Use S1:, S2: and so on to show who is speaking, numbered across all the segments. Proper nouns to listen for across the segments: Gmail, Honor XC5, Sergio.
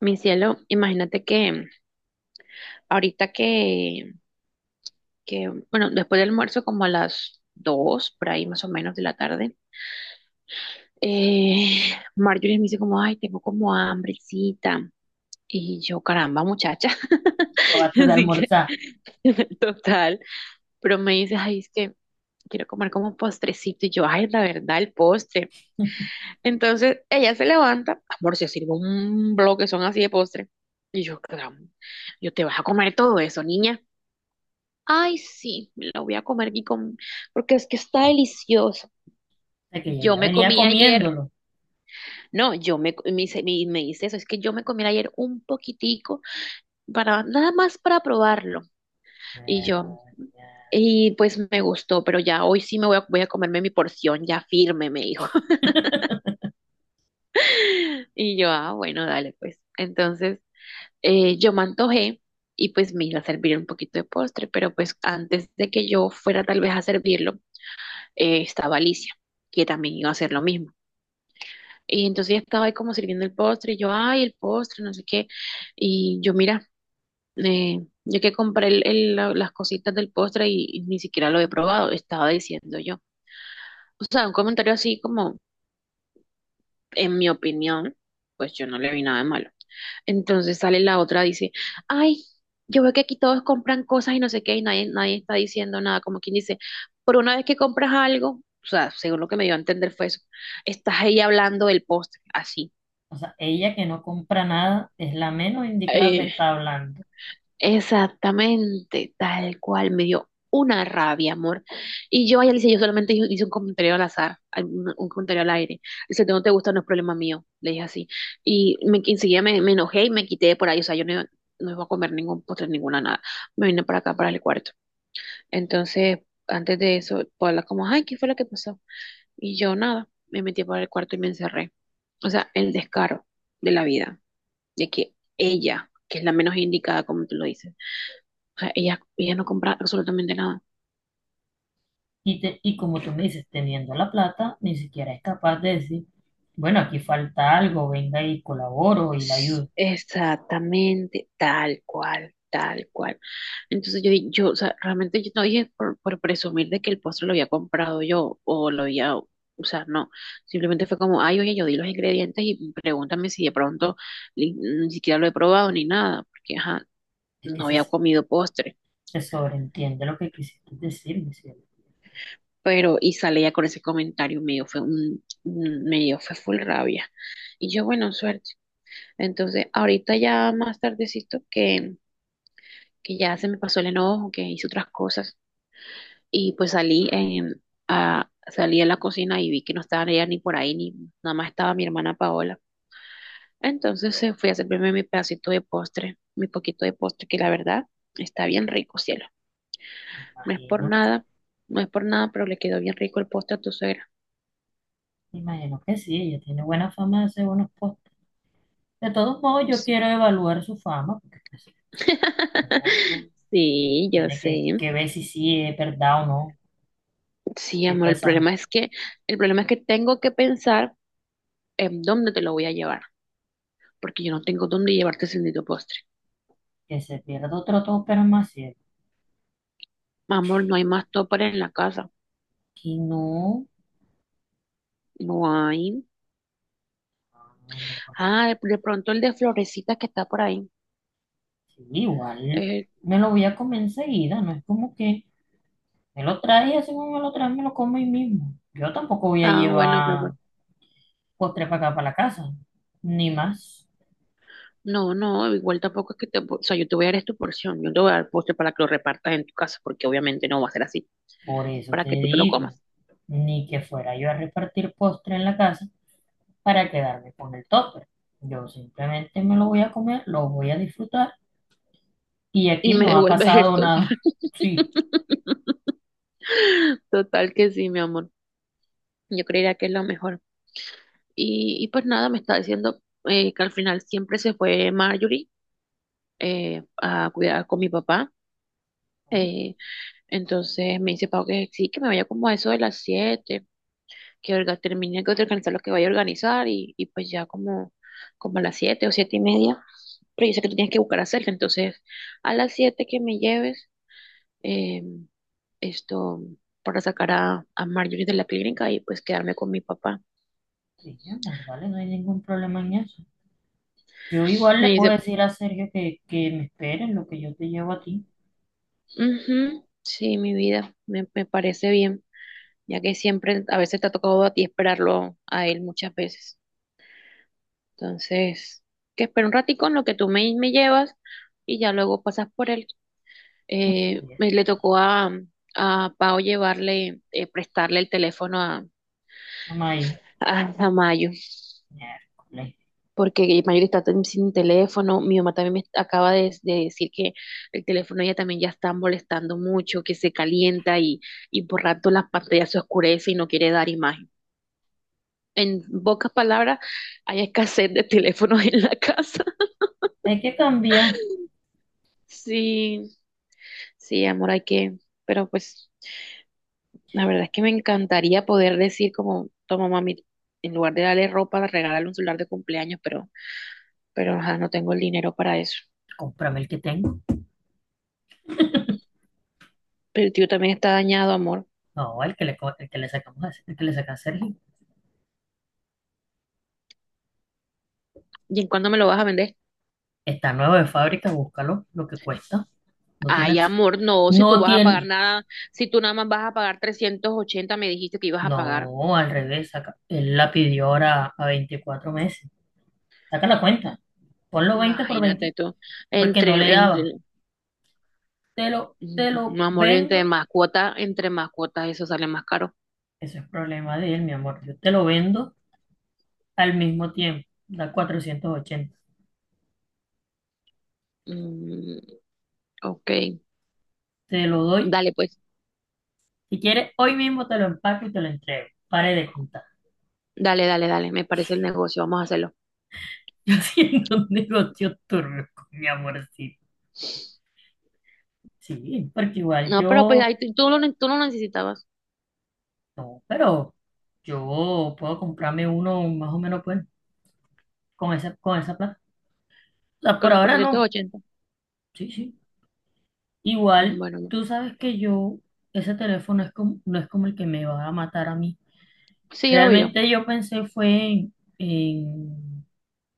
S1: Mi cielo, imagínate que ahorita bueno, después del almuerzo, como a las 2, por ahí más o menos de la tarde, eh, Marjorie me dice como, ay, tengo como hambrecita. Y yo, caramba, muchacha.
S2: Acabaste de
S1: Así que,
S2: almorzar. O
S1: total. Pero me dice, ay, es que quiero comer como postrecito. Y yo, ay, la verdad, el postre. Entonces, ella se levanta, amor, se sirve un bloque, son así de postre. Y yo, caramba, yo te vas a comer todo eso, niña. Ay, sí, me lo voy a comer y con... porque es que está delicioso.
S2: sea, que
S1: Yo
S2: ella ya
S1: me
S2: venía
S1: comí ayer,
S2: comiéndolo.
S1: no, yo me, co- me, hice- me hice eso, es que yo me comí ayer un poquitico para nada más para probarlo. Y
S2: Eh,
S1: yo, y pues me gustó, pero ya hoy sí me voy a, voy a comerme mi porción ya firme, me dijo. Y yo, ah, bueno, dale, pues. Entonces, yo me antojé y pues me iba a servir un poquito de postre, pero pues antes de que yo fuera tal vez a servirlo, estaba Alicia, que también iba a hacer lo mismo. Y entonces ella estaba ahí como sirviendo el postre, y yo, ay, el postre, no sé qué. Y yo, mira, yo que compré las cositas del postre y ni siquiera lo he probado, estaba diciendo yo. O sea, un comentario así como, en mi opinión, pues yo no le vi nada de malo. Entonces sale la otra, dice, ay, yo veo que aquí todos compran cosas y no sé qué, y nadie, nadie está diciendo nada, como quien dice, por una vez que compras algo, o sea, según lo que me dio a entender fue eso, estás ahí hablando del postre, así.
S2: O sea, ella que no compra nada es la menos indicada que
S1: Eh,
S2: está hablando.
S1: Exactamente, tal cual, me dio una rabia, amor. Y yo a ella le hice, yo solamente hice un comentario al azar, un comentario al aire. Dice, no te gusta, no es problema mío, le dije así. Y me, enseguida me enojé y me quité de por ahí, o sea, yo no, iba- no iba a comer ningún postre, ninguna nada. Me vine para acá, para el cuarto. Entonces, antes de eso, Paula como, ay, ¿qué fue lo que pasó? Y yo nada, me metí para el cuarto y me encerré. O sea, el descaro de la vida, de que ella, que es la menos indicada, como tú lo dices, o sea, ella no compra absolutamente nada.
S2: Y como tú me dices, teniendo la plata, ni siquiera es capaz de decir, bueno, aquí falta algo, venga y colaboro y la ayudo.
S1: Exactamente, tal cual, tal cual. Entonces yo, yo, o sea, realmente yo no dije por presumir de que el postre lo había comprado yo o lo había, o sea, no. Simplemente fue como, ay, oye, yo di los ingredientes y pregúntame si de pronto ni siquiera lo he probado ni nada, porque, ajá,
S2: Es que
S1: no
S2: se,
S1: había comido postre.
S2: Se sobreentiende lo que quisiste decir, mi cielo.
S1: Pero, y salía con ese comentario medio, fue medio, fue full rabia. Y yo, bueno, suerte. Entonces, ahorita ya más tardecito que ya se me pasó el enojo, que hice otras cosas y pues a, salí a la cocina y vi que no estaba ella ni por ahí, ni nada más estaba mi hermana Paola. Entonces fui a servirme mi pedacito de postre, mi poquito de postre, que la verdad está bien rico, cielo. No es por
S2: Imagino,
S1: nada, no es por nada, pero le quedó bien rico el postre a tu suegra.
S2: Imagino que sí, ella tiene buena fama de hacer buenos postres. De todos modos, yo
S1: Ps.
S2: quiero evaluar su fama, porque pues, uno
S1: Sí, yo
S2: tiene
S1: sé.
S2: que ver si sí es verdad o no.
S1: Sí,
S2: Si
S1: amor,
S2: toda
S1: el
S2: esa,
S1: problema es que, el problema es que tengo que pensar ¿dónde te lo voy a llevar? Porque yo no tengo dónde llevarte ese bendito postre.
S2: Que se pierda otro todo, pero más cierto.
S1: Amor, no hay más toppers en la casa.
S2: Que no.
S1: No hay.
S2: Ah, me lo comí.
S1: Ah, de pronto el de florecitas que está por ahí.
S2: Sí, igual
S1: Eh,
S2: me lo voy a comer enseguida. No es como que me lo trae y así como me lo trae, me lo como ahí mismo. Yo tampoco voy a
S1: ah, bueno, mi amor.
S2: llevar postre para acá, para la casa. Ni más.
S1: No, no, igual tampoco es que te... O sea, yo te voy a dar es tu porción. Yo te voy a dar postre para que lo repartas en tu casa, porque obviamente no va a ser así,
S2: Por eso
S1: para
S2: te
S1: que tú te lo
S2: digo.
S1: comas.
S2: Ni que fuera yo a repartir postre en la casa, para quedarme con el topper. Yo simplemente me lo voy a comer, lo voy a disfrutar y
S1: Y
S2: aquí
S1: me
S2: no ha
S1: devuelves el
S2: pasado nada.
S1: topper.
S2: Sí,
S1: Total que sí, mi amor. Yo creería que es lo mejor. Y pues nada, me está diciendo que al final siempre se fue Marjorie a cuidar con mi papá.
S2: no,
S1: Eh, entonces me dice Pau que sí, que me vaya como a eso de las 7 que termine de organizar lo que vaya a organizar y pues ya como, como a las 7 o 7:30. Pero yo sé que tú tienes que buscar a Sergio, entonces a las 7 que me lleves eh, esto para sacar a Marjorie de la clínica y pues quedarme con mi papá.
S2: sí, mi amor, dale, no hay ningún problema en eso. Yo igual
S1: Me
S2: le puedo
S1: dice,
S2: decir a Sergio que me espere en lo que yo te llevo a ti.
S1: "Ujú, sí, mi vida, me parece bien, ya que siempre a veces te ha tocado a ti esperarlo a él muchas veces. Entonces, que espera un ratico en lo que tú me, me llevas y ya luego pasas por él.
S2: Así es.
S1: Le tocó a Pau llevarle, prestarle el teléfono
S2: Amay,
S1: a Mayo,
S2: miércoles.
S1: porque Mayo está tan- sin teléfono. Mi mamá también me acaba de decir que el teléfono ella también ya está molestando mucho, que se calienta y por rato las pantallas se oscurece y no quiere dar imagen. En pocas palabras, hay escasez de teléfonos en la casa.
S2: Hay que cambiar.
S1: Sí, sí, amor, hay que, pero pues la verdad es que me encantaría poder decir como, toma mami, en lugar de darle ropa, regalarle un celular de cumpleaños, pero ajá, no tengo el dinero para eso.
S2: Cómprame el que tengo.
S1: Pero el tío también está dañado, amor.
S2: No, el que el que le sacamos, el que le saca a Sergio.
S1: ¿Y en cuándo me lo vas a vender?
S2: Está nuevo de fábrica, búscalo, lo que cuesta. No
S1: Ay,
S2: tiene,
S1: amor, no, si tú
S2: no
S1: vas a pagar
S2: tiene,
S1: nada, si tú nada más vas a pagar 380 me dijiste que ibas a pagar.
S2: no, al revés, él la pidió ahora a 24 meses. Saca la cuenta, ponlo 20 por
S1: Imagínate
S2: 20,
S1: tú,
S2: porque
S1: entre,
S2: no le daba.
S1: entre,
S2: Te
S1: mm,
S2: lo
S1: amor, entre
S2: vendo,
S1: más cuota, entre más cuotas eso sale más caro.
S2: eso es problema de él, mi amor. Yo te lo vendo al mismo tiempo, da cuatrocientos ochenta.
S1: Mm, ok,
S2: Te lo doy,
S1: dale pues.
S2: si quieres, hoy mismo te lo empaco y te lo entrego. Pare de contar.
S1: Dale, dale, dale, me parece el negocio, vamos a hacerlo.
S2: Yo haciendo un negocio turbio con mi amorcito. Sí, porque igual
S1: No, pero pues
S2: yo,
S1: ahí tú, tú no lo necesitabas
S2: no, pero yo puedo comprarme uno más o menos pues, con con esa plata. O sea,
S1: con
S2: por
S1: los
S2: ahora no.
S1: 480.
S2: Sí, sí.
S1: Mm,
S2: Igual,
S1: bueno, no.
S2: tú sabes que yo, ese teléfono es como, no es como el que me va a matar a mí.
S1: Sí, obvio.
S2: Realmente yo pensé fue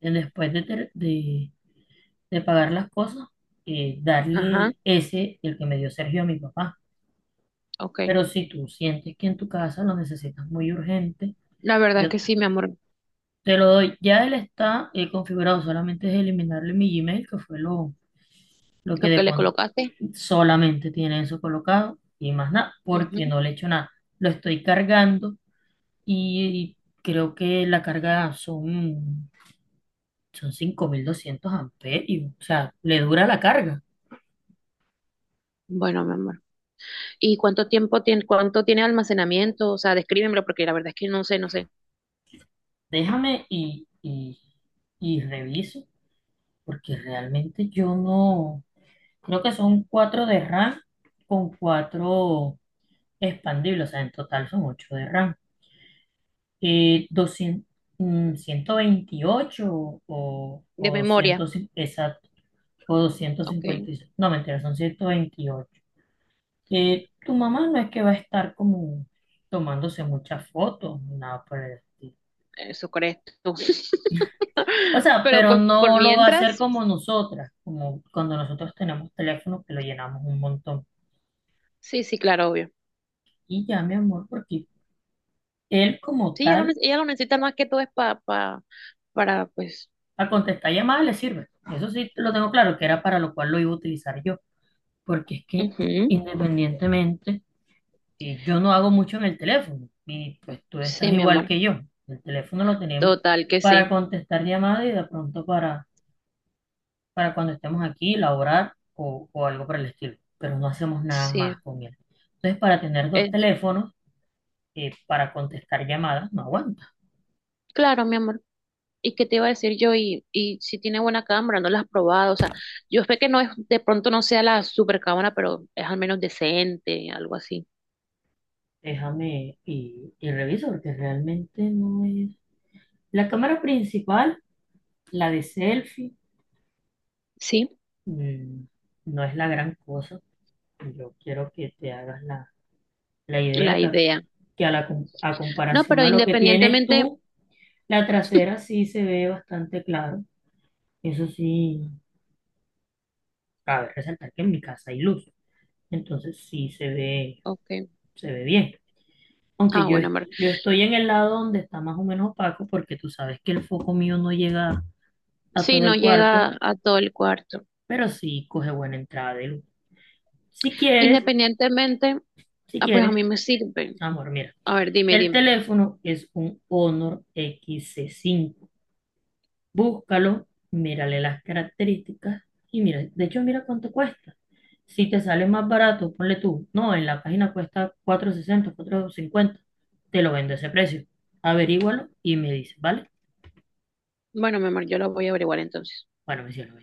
S2: en después de pagar las cosas,
S1: Ajá,
S2: darle ese, el que me dio Sergio a mi papá.
S1: ok.
S2: Pero si tú sientes que en tu casa lo necesitas muy urgente,
S1: La verdad es
S2: yo
S1: que sí, mi amor,
S2: te lo doy. Ya él está configurado, solamente es eliminarle mi Gmail, que fue lo que
S1: lo que
S2: de,
S1: le colocaste.
S2: solamente tiene eso colocado y más nada, porque
S1: Ujú.
S2: no le he hecho nada. Lo estoy cargando y creo que la carga son, son 5200 amperios. O sea, le dura la carga.
S1: Bueno, mi amor. ¿Y cuánto tiempo tiene, cuánto tiene almacenamiento? O sea, descríbemelo porque la verdad es que no sé, no sé.
S2: Déjame y reviso, porque realmente yo no. Creo que son 4 de RAM con 4 expandibles. O sea, en total son 8 de RAM. Doscientos mm, 128
S1: De
S2: o 100,
S1: memoria.
S2: o
S1: Ok,
S2: 256. No, mentira, son ciento veintiocho. Tu mamá no es que va a estar como tomándose muchas fotos, ni nada por el estilo.
S1: eso crees tú.
S2: O sea,
S1: Pero
S2: pero
S1: pues por
S2: no lo va a hacer
S1: mientras,
S2: como nosotras, como cuando nosotros tenemos teléfono que lo llenamos un montón.
S1: sí, sí, claro, obvio.
S2: Y ya, mi amor, porque él como
S1: Sí,
S2: tal,
S1: ella lo necesita más que todo es para, pues,
S2: a contestar llamadas le sirve. Eso sí, lo tengo claro, que era para lo cual lo iba a utilizar yo, porque es que
S1: ujú.
S2: independientemente. Y yo no hago mucho en el teléfono. Y pues tú
S1: Sí,
S2: estás
S1: mi
S2: igual
S1: amor.
S2: que yo. El teléfono lo tenemos
S1: Total que
S2: para
S1: sí.
S2: contestar llamadas y de pronto para cuando estemos aquí, laborar o algo por el estilo. Pero no hacemos nada más
S1: Sí.
S2: con él. Entonces, para tener dos
S1: Es,
S2: teléfonos, para contestar llamadas, no aguanta.
S1: claro, mi amor. ¿Y qué te iba a decir yo? Y si tiene buena cámara, no la has probado. O sea, yo sé que no es, de pronto no sea la super cámara, pero es al menos decente, algo así.
S2: Déjame y reviso porque realmente no es... La cámara principal, la de selfie,
S1: Sí,
S2: mm, no es la gran cosa. Yo quiero que te hagas la
S1: la
S2: idea que
S1: idea.
S2: a la a
S1: No,
S2: comparación
S1: pero
S2: a lo que tienes
S1: independientemente.
S2: tú, la trasera sí se ve bastante claro. Eso sí, cabe resaltar que en mi casa hay luz, entonces sí
S1: Ok.
S2: se ve bien.
S1: Ah, bueno, amor.
S2: Yo estoy en el lado donde está más o menos opaco, porque tú sabes que el foco mío no llega a
S1: Sí,
S2: todo
S1: no
S2: el cuarto,
S1: llega a todo el cuarto.
S2: pero sí coge buena entrada de luz. Si quieres,
S1: Independientemente,
S2: si
S1: ah, pues a
S2: quieres,
S1: mí me sirve.
S2: amor, mira,
S1: A ver, dime,
S2: el
S1: dime.
S2: teléfono es un Honor XC5. Búscalo, mírale las características y mira, de hecho, mira cuánto cuesta. Si te sale más barato, ponle tú, no, en la página cuesta cuatrocientos, sesenta, cuatrocientos cincuenta. Te lo vendo a ese precio. Averígualo y me dices, ¿vale?
S1: Bueno, mi amor, yo lo voy a averiguar entonces.
S2: Bueno, me cielo,